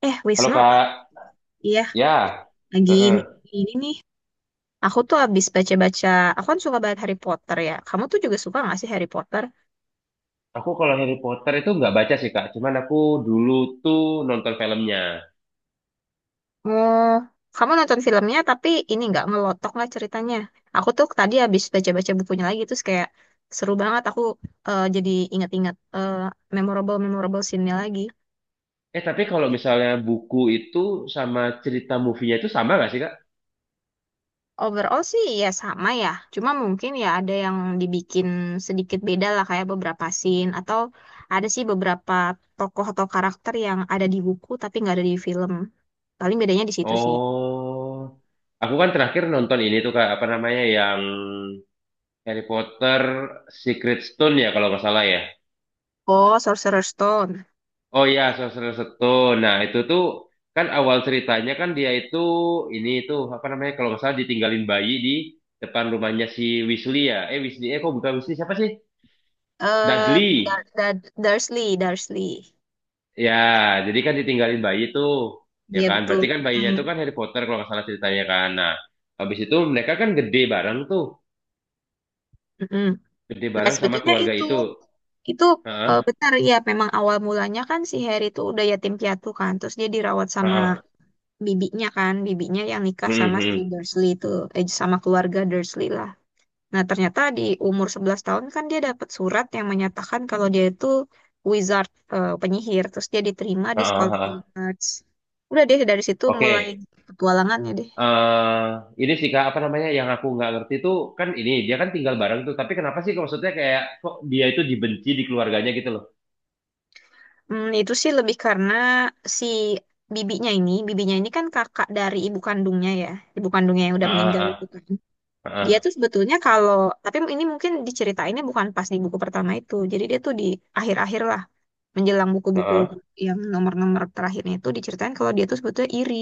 Halo Wisnu, Kak, iya, ya, lagi heeh. ini nih. Aku tuh habis baca-baca, aku kan suka banget Harry Potter ya. Kamu tuh juga suka gak sih Harry Potter? Aku kalau Harry Potter itu nggak baca sih Kak, cuman aku dulu tuh nonton filmnya. Oh, kamu nonton filmnya tapi ini nggak ngelotok lah ceritanya. Aku tuh tadi habis baca-baca bukunya lagi, terus kayak seru banget. Aku jadi inget-inget memorable-memorable scene-nya lagi. Eh tapi kalau misalnya buku itu sama cerita movie-nya itu sama nggak sih Kak? Overall sih ya sama ya, cuma mungkin ya ada yang dibikin sedikit beda lah kayak beberapa scene atau ada sih beberapa tokoh atau karakter yang ada di buku tapi nggak ada di film. Paling bedanya di situ sih. Oh, aku kan terakhir nonton ini tuh Kak, apa namanya yang Harry Potter Secret Stone ya kalau nggak salah ya. Oh, Sorcerer Stone. Oh iya, Sorcerer Stone. Nah, itu tuh kan awal ceritanya kan dia itu ini tuh apa namanya kalau nggak salah ditinggalin bayi di depan rumahnya si Weasley ya. Eh Weasley, eh kok bukan Weasley siapa sih? Eh, Dudley. Dursley, Dursley. Ya, jadi kan ditinggalin bayi tuh. Ya Iya kan, betul. berarti kan bayinya Hmm. itu kan Harry Potter kalau nggak salah ceritanya kan. Nah, habis itu mereka kan gede bareng tuh, Mm-mm. gede Nah, bareng sama sebetulnya keluarga itu itu. itu Heeh, benar ya, memang awal mulanya kan si Harry itu udah yatim piatu kan, terus dia dirawat sama heeh. bibinya kan, bibinya yang nikah sama si Mm-hmm. Dursley itu, sama keluarga Dursley lah. Nah, ternyata di umur 11 tahun kan dia dapat surat yang menyatakan kalau dia itu wizard, eh, penyihir. Terus dia diterima di Heeh, sekolah heeh. Hogwarts. Udah deh dari situ mulai Oke. petualangannya deh. eh ini sih kak, apa namanya yang aku nggak ngerti tuh, kan ini dia kan tinggal bareng tuh tapi kenapa sih kok maksudnya kayak kok dia itu dibenci di keluarganya gitu loh? Hmm, itu sih lebih karena si bibinya ini kan kakak dari ibu kandungnya ya, ibu kandungnya yang Ah, udah ah, meninggal itu ah, kan. Dia ah, tuh sebetulnya kalau, tapi ini mungkin diceritainnya bukan pas di buku pertama itu. Jadi dia tuh di akhir-akhir lah, menjelang ah, buku-buku ah. yang nomor-nomor terakhirnya itu diceritain kalau dia tuh sebetulnya iri.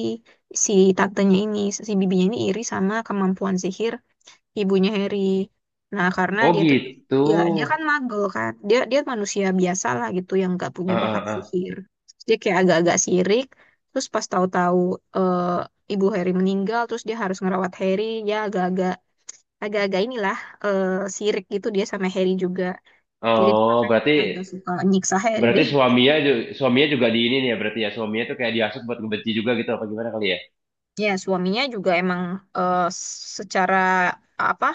Si tantenya ini, si bibinya ini iri sama kemampuan sihir ibunya Harry. Nah, karena Oh dia tuh, gitu. ya dia kan magel kan. Dia dia manusia biasa lah gitu yang gak Ah, punya bakat ah, ah. sihir. Terus dia kayak agak-agak sirik. Terus pas tahu-tahu eh, ibu Harry meninggal, terus dia harus ngerawat Harry, ya agak-agak inilah, eh sirik gitu dia sama Harry juga. Jadi Oh, berarti agak suka nyiksa Harry berarti deh. Suaminya juga di ini nih ya berarti ya, suaminya tuh kayak dihasut buat ngebenci juga gitu apa gimana kali ya? Ya, suaminya juga emang, eh, secara apa,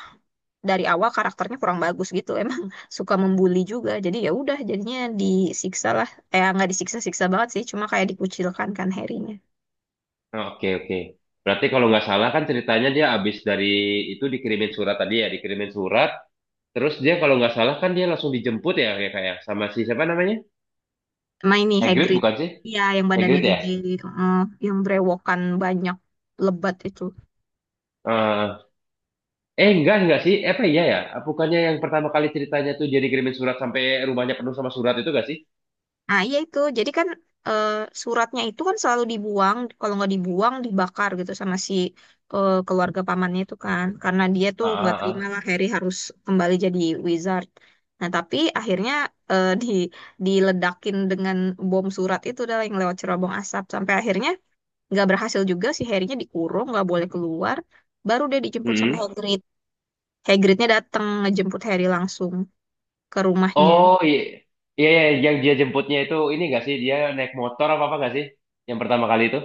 dari awal karakternya kurang bagus gitu. Emang suka membuli juga. Jadi ya udah jadinya disiksa lah. Eh, nggak disiksa-siksa banget sih, cuma kayak dikucilkan kan Harry-nya. Oh, oke, oke, berarti kalau nggak salah kan ceritanya dia abis dari itu dikirimin surat tadi ya, dikirimin surat. Terus dia kalau nggak salah kan dia langsung dijemput ya, kayak kayak sama si siapa namanya? Sama ini Hagrid Hagrid. bukan sih? Iya, yang badannya Hagrid ya? gede, eh, yang brewokan banyak lebat itu. Eh, enggak sih? Apa iya ya? Bukannya yang pertama kali ceritanya tuh dia dikirimin surat sampai rumahnya penuh sama surat itu enggak sih? Nah, iya itu. Jadi kan eh, suratnya itu kan selalu dibuang. Kalau nggak dibuang, dibakar gitu sama si keluarga pamannya itu kan. Karena dia tuh Ah, nggak ah, terima ah. lah Harry harus kembali jadi wizard. Nah, tapi akhirnya eh, di diledakin dengan bom surat itu adalah yang lewat cerobong asap. Sampai akhirnya nggak berhasil juga si Harry-nya dikurung, nggak boleh keluar. Baru dia dijemput sama Mm-mm. Hagrid. Hagridnya datang ngejemput Harry langsung ke rumahnya. Oh iya. Iya, iya, yang dia jemputnya itu ini enggak sih? Dia naik motor apa apa enggak sih? Yang pertama kali itu?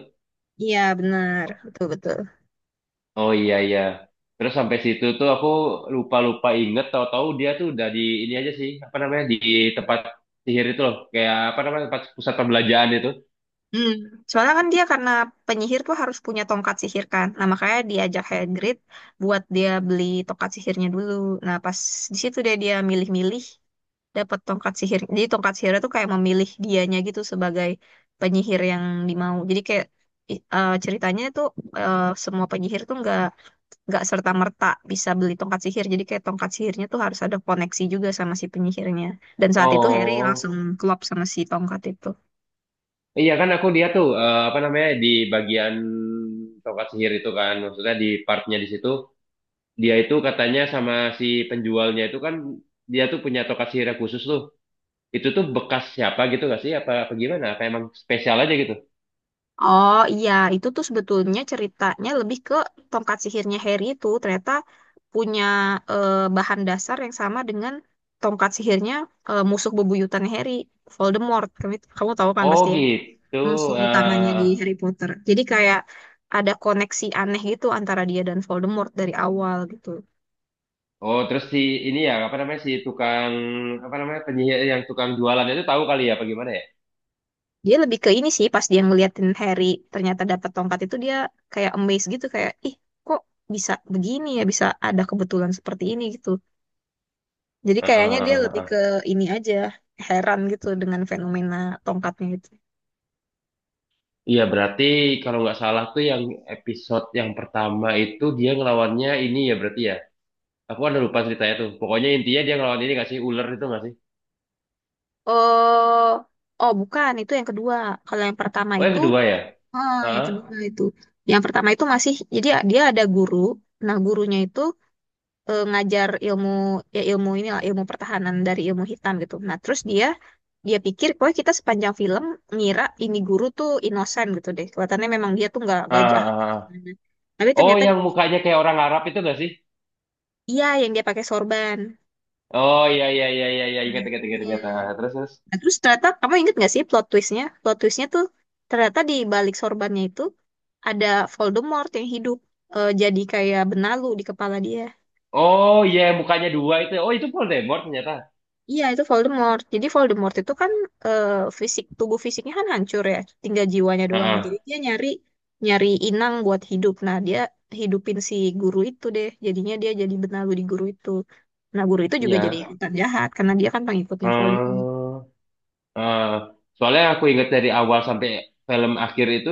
Iya, benar. Betul-betul. Oh iya iya. Terus sampai situ tuh aku lupa-lupa inget tahu-tahu dia tuh udah di ini aja sih, apa namanya? Di tempat sihir itu loh, kayak apa namanya? Tempat pusat pembelanjaan itu. Hmm. Soalnya kan dia karena penyihir tuh harus punya tongkat sihir kan. Nah, makanya diajak Hagrid buat dia beli tongkat sihirnya dulu. Nah, pas di situ dia dia milih-milih dapat tongkat sihir. Jadi tongkat sihirnya tuh kayak memilih dianya gitu sebagai penyihir yang dimau. Jadi kayak ceritanya tuh, semua penyihir tuh nggak serta merta bisa beli tongkat sihir. Jadi kayak tongkat sihirnya tuh harus ada koneksi juga sama si penyihirnya. Dan saat itu Harry langsung Oh. klop sama si tongkat itu. Iya kan aku dia tuh apa namanya di bagian tongkat sihir itu kan maksudnya di partnya di situ dia itu katanya sama si penjualnya itu kan dia tuh punya tongkat sihir yang khusus tuh itu tuh bekas siapa gitu gak sih, apa apa gimana, apa emang spesial aja gitu? Oh iya, itu tuh sebetulnya ceritanya lebih ke tongkat sihirnya Harry itu ternyata punya eh, bahan dasar yang sama dengan tongkat sihirnya musuh bebuyutan Harry, Voldemort. Kamu tahu kan Oh pasti ya, gitu. musuh utamanya eh di Harry Potter. Jadi kayak ada koneksi aneh gitu antara dia dan Voldemort dari awal gitu. oh, terus si ini ya apa namanya si tukang apa namanya penyihir yang tukang jualan itu tahu kali ya apa gimana ya? Dia lebih ke ini sih, pas dia ngeliatin Harry ternyata dapat tongkat itu dia kayak amazed gitu, kayak ih, kok bisa begini ya, bisa ada kebetulan seperti ini gitu. Jadi kayaknya dia lebih Heeh. ke ini aja, heran gitu dengan fenomena tongkatnya itu. Iya, berarti kalau nggak salah tuh yang episode yang pertama itu dia ngelawannya ini ya berarti ya. Aku ada lupa ceritanya tuh. Pokoknya intinya dia ngelawan ini nggak sih ular itu nggak sih? Oh, oh bukan, itu yang kedua. Kalau yang pertama Oh yang itu, kedua ya? ah, yang Heeh. kedua itu. Yang pertama itu masih, jadi dia ada guru. Nah, gurunya itu ngajar ilmu, ya ilmu ini lah, ilmu pertahanan dari ilmu hitam gitu. Nah, terus dia pikir, pokoknya kita sepanjang film ngira ini guru tuh inosan gitu deh. Kelihatannya memang dia tuh nggak Ah, jahat. ah, ah. Tapi Oh ternyata, yang mukanya kayak orang Arab itu nggak sih? iya yang dia pakai sorban. Oh iya, iya, iya, iya, iya, ingat, Hmm, ingat, ingat, ingat. Ah, iya. terus terus. Nah, terus ternyata kamu inget gak sih plot twistnya? Plot twistnya tuh ternyata di balik sorbannya itu ada Voldemort yang hidup, jadi kayak benalu di kepala dia. Oh iya yang mukanya dua itu. Oh itu Voldemort ternyata. Iya itu Voldemort. Jadi Voldemort itu kan eh, fisik, tubuh fisiknya kan hancur ya, tinggal jiwanya Ah, doang. Jadi ah. dia nyari nyari inang buat hidup. Nah, dia hidupin si guru itu deh. Jadinya dia jadi benalu di guru itu. Nah, guru itu juga jadi Iya. hutan jahat karena dia kan pengikutnya Voldemort. Hmm, ah. Soalnya aku ingat dari awal sampai film akhir itu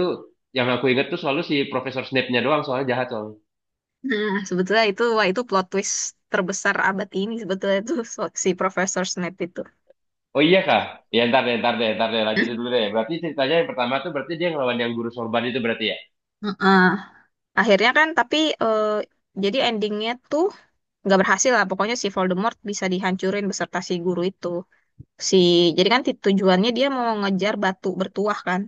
yang aku ingat tuh selalu si Profesor Snape-nya doang soalnya jahat soalnya. Nah, sebetulnya itu, wah itu plot twist terbesar abad ini sebetulnya itu, si Profesor Snape itu. Oh iya kak, ya ntar deh, ntar deh, ntar deh, lanjutin dulu deh. Berarti ceritanya yang pertama tuh berarti dia ngelawan yang guru sorban itu berarti ya? Heeh. Akhirnya kan, tapi eh, jadi endingnya tuh nggak berhasil lah. Pokoknya si Voldemort bisa dihancurin beserta si guru itu. Si, jadi kan tujuannya dia mau ngejar batu bertuah kan.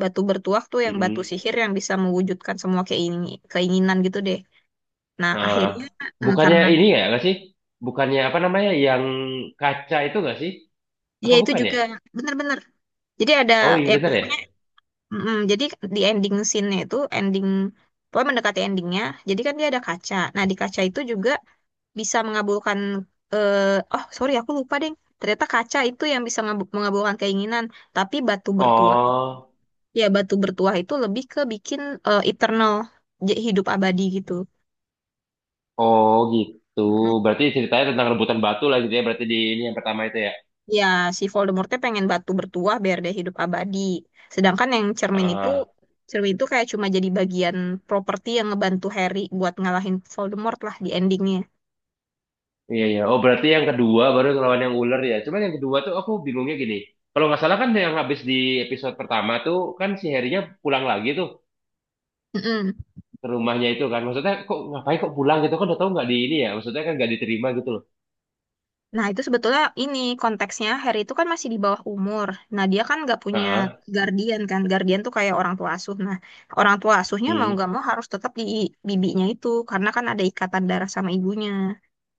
Batu bertuah tuh yang batu Mm-mm. sihir yang bisa mewujudkan semua keinginan gitu deh. Nah, Nah, akhirnya bukannya karena ini ya nggak sih? Bukannya apa namanya yang kaca itu nggak sih? dia Apa itu bukan ya? juga bener-bener. Jadi ada, Oh iya ya bener ya? pokoknya. Mm-mm, jadi di ending scene-nya itu, ending pokoknya mendekati endingnya. Jadi kan dia ada kaca. Nah, di kaca itu juga bisa mengabulkan, eh oh sorry aku lupa deh. Ternyata kaca itu yang bisa mengabulkan keinginan. Tapi batu bertuah, Oh, ya batu bertuah itu lebih ke bikin eternal, hidup abadi gitu. oh gitu. Berarti ceritanya tentang rebutan batu lah gitu ya. Berarti di ini yang pertama itu ya? Ya, si Voldemortnya pengen batu bertuah biar dia hidup abadi. Sedangkan yang Ah, cermin itu kayak cuma jadi bagian properti yang ngebantu Harry buat ngalahin Voldemort lah di endingnya. iya iya. Oh berarti yang kedua baru ngelawan yang ular ya. Cuman yang kedua tuh aku bingungnya gini. Kalau nggak salah kan yang habis di episode pertama tuh kan si Harry-nya pulang lagi tuh. Mm-mm. Ke rumahnya itu kan maksudnya kok ngapain kok pulang gitu kan udah tahu nggak di ini ya maksudnya kan nggak diterima gitu loh. Nah, itu sebetulnya ini konteksnya Harry itu kan masih di bawah umur. Nah, dia kan nggak punya Heeh. guardian kan. Guardian tuh kayak orang tua asuh. Nah, orang tua asuhnya mau Hmm. nggak mau harus tetap di bibinya itu karena kan ada ikatan darah sama ibunya.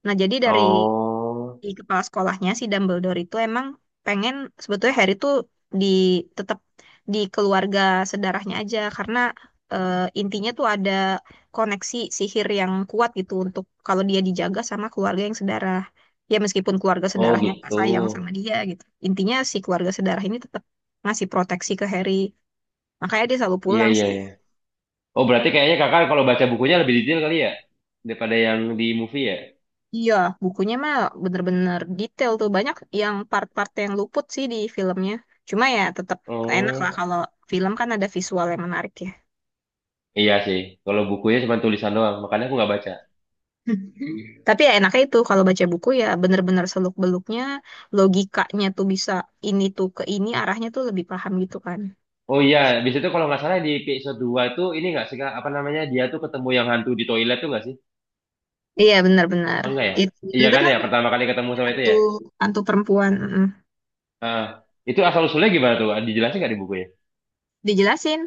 Nah, jadi dari Oh, di kepala sekolahnya si Dumbledore itu emang pengen sebetulnya Harry tuh di tetap di keluarga sedarahnya aja karena eh, intinya tuh ada koneksi sihir yang kuat gitu untuk kalau dia dijaga sama keluarga yang sedarah. Ya meskipun keluarga oh sedarahnya gak gitu, sayang sama dia gitu. Intinya si keluarga sedarah ini tetap ngasih proteksi ke Harry. Makanya dia selalu iya, pulang iya, sih. iya. Oh berarti kayaknya kakak kalau baca bukunya lebih detail kali ya daripada yang di movie ya. Iya, bukunya mah bener-bener detail tuh. Banyak yang part-part yang luput sih di filmnya. Cuma ya tetap enak lah Oh kalau film kan ada visual yang menarik ya. iya sih, kalau bukunya cuma tulisan doang makanya aku nggak baca. Tapi ya enaknya itu kalau baca buku ya bener-bener seluk-beluknya, logikanya tuh bisa ini tuh ke ini, arahnya tuh lebih paham gitu kan. Oh iya, di situ kalau nggak salah di episode 2 itu ini nggak sih Kak? Apa namanya dia tuh ketemu yang hantu di toilet tuh nggak sih Iya, benar-benar. apa enggak ya? Itu Iya kan benar-benar ya pertama kali ketemu sama itu hantu ya? hantu perempuan. Mm. Heeh. Itu asal usulnya gimana tuh dijelasin nggak di buku ya? Dijelasin.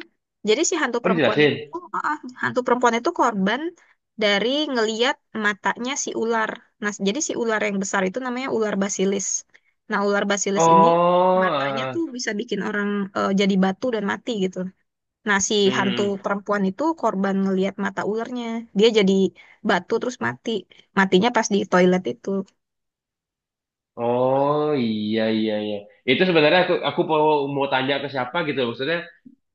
Jadi si hantu Oh, perempuan dijelasin. itu, hantu perempuan itu korban dari ngeliat matanya si ular. Nah, jadi si ular yang besar itu namanya ular basilis. Nah, ular basilis ini Oh, matanya tuh bisa bikin orang jadi batu dan mati gitu. Nah, si hantu hmm. perempuan itu korban ngeliat mata ularnya. Dia jadi batu terus mati. Matinya pas di toilet itu. Oh, iya iya iya. Itu sebenarnya aku mau mau tanya ke siapa gitu. Maksudnya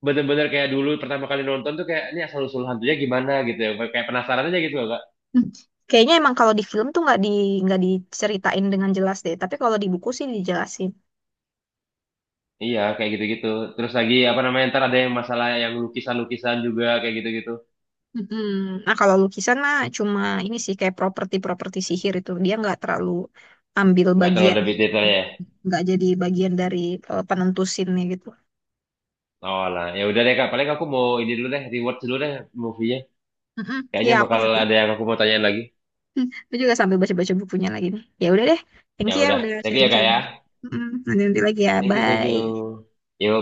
bener-bener kayak dulu pertama kali nonton tuh kayak ini asal usul hantunya gimana gitu ya. Kayak penasaran aja gitu loh, Kak. Hmm. Kayaknya emang kalau di film tuh nggak diceritain dengan jelas deh. Tapi kalau di buku sih dijelasin. Iya, kayak gitu-gitu. Terus lagi apa namanya ntar ada yang masalah yang lukisan-lukisan juga kayak gitu-gitu. Mm-mm. Nah, kalau lukisan mah cuma ini sih kayak properti-properti sihir itu dia nggak terlalu ambil Nggak terlalu bagian, lebih detail detailnya ya. nggak jadi bagian dari penentu scene-nya gitu. Oh lah, ya udah deh Kak. Paling aku mau ini dulu deh, reward dulu deh movie-nya. Mm-mm. Ya Kayaknya aku bakal juga, ada yang aku mau tanyain lagi. hmm, aku juga sambil baca-baca bukunya lagi nih. Ya udah deh, thank Ya you ya udah. udah Thank you ya Kak ya. sharing-sharing. Mm-mm. Nanti-nanti lagi ya, Thank you, thank bye. you. Yuk.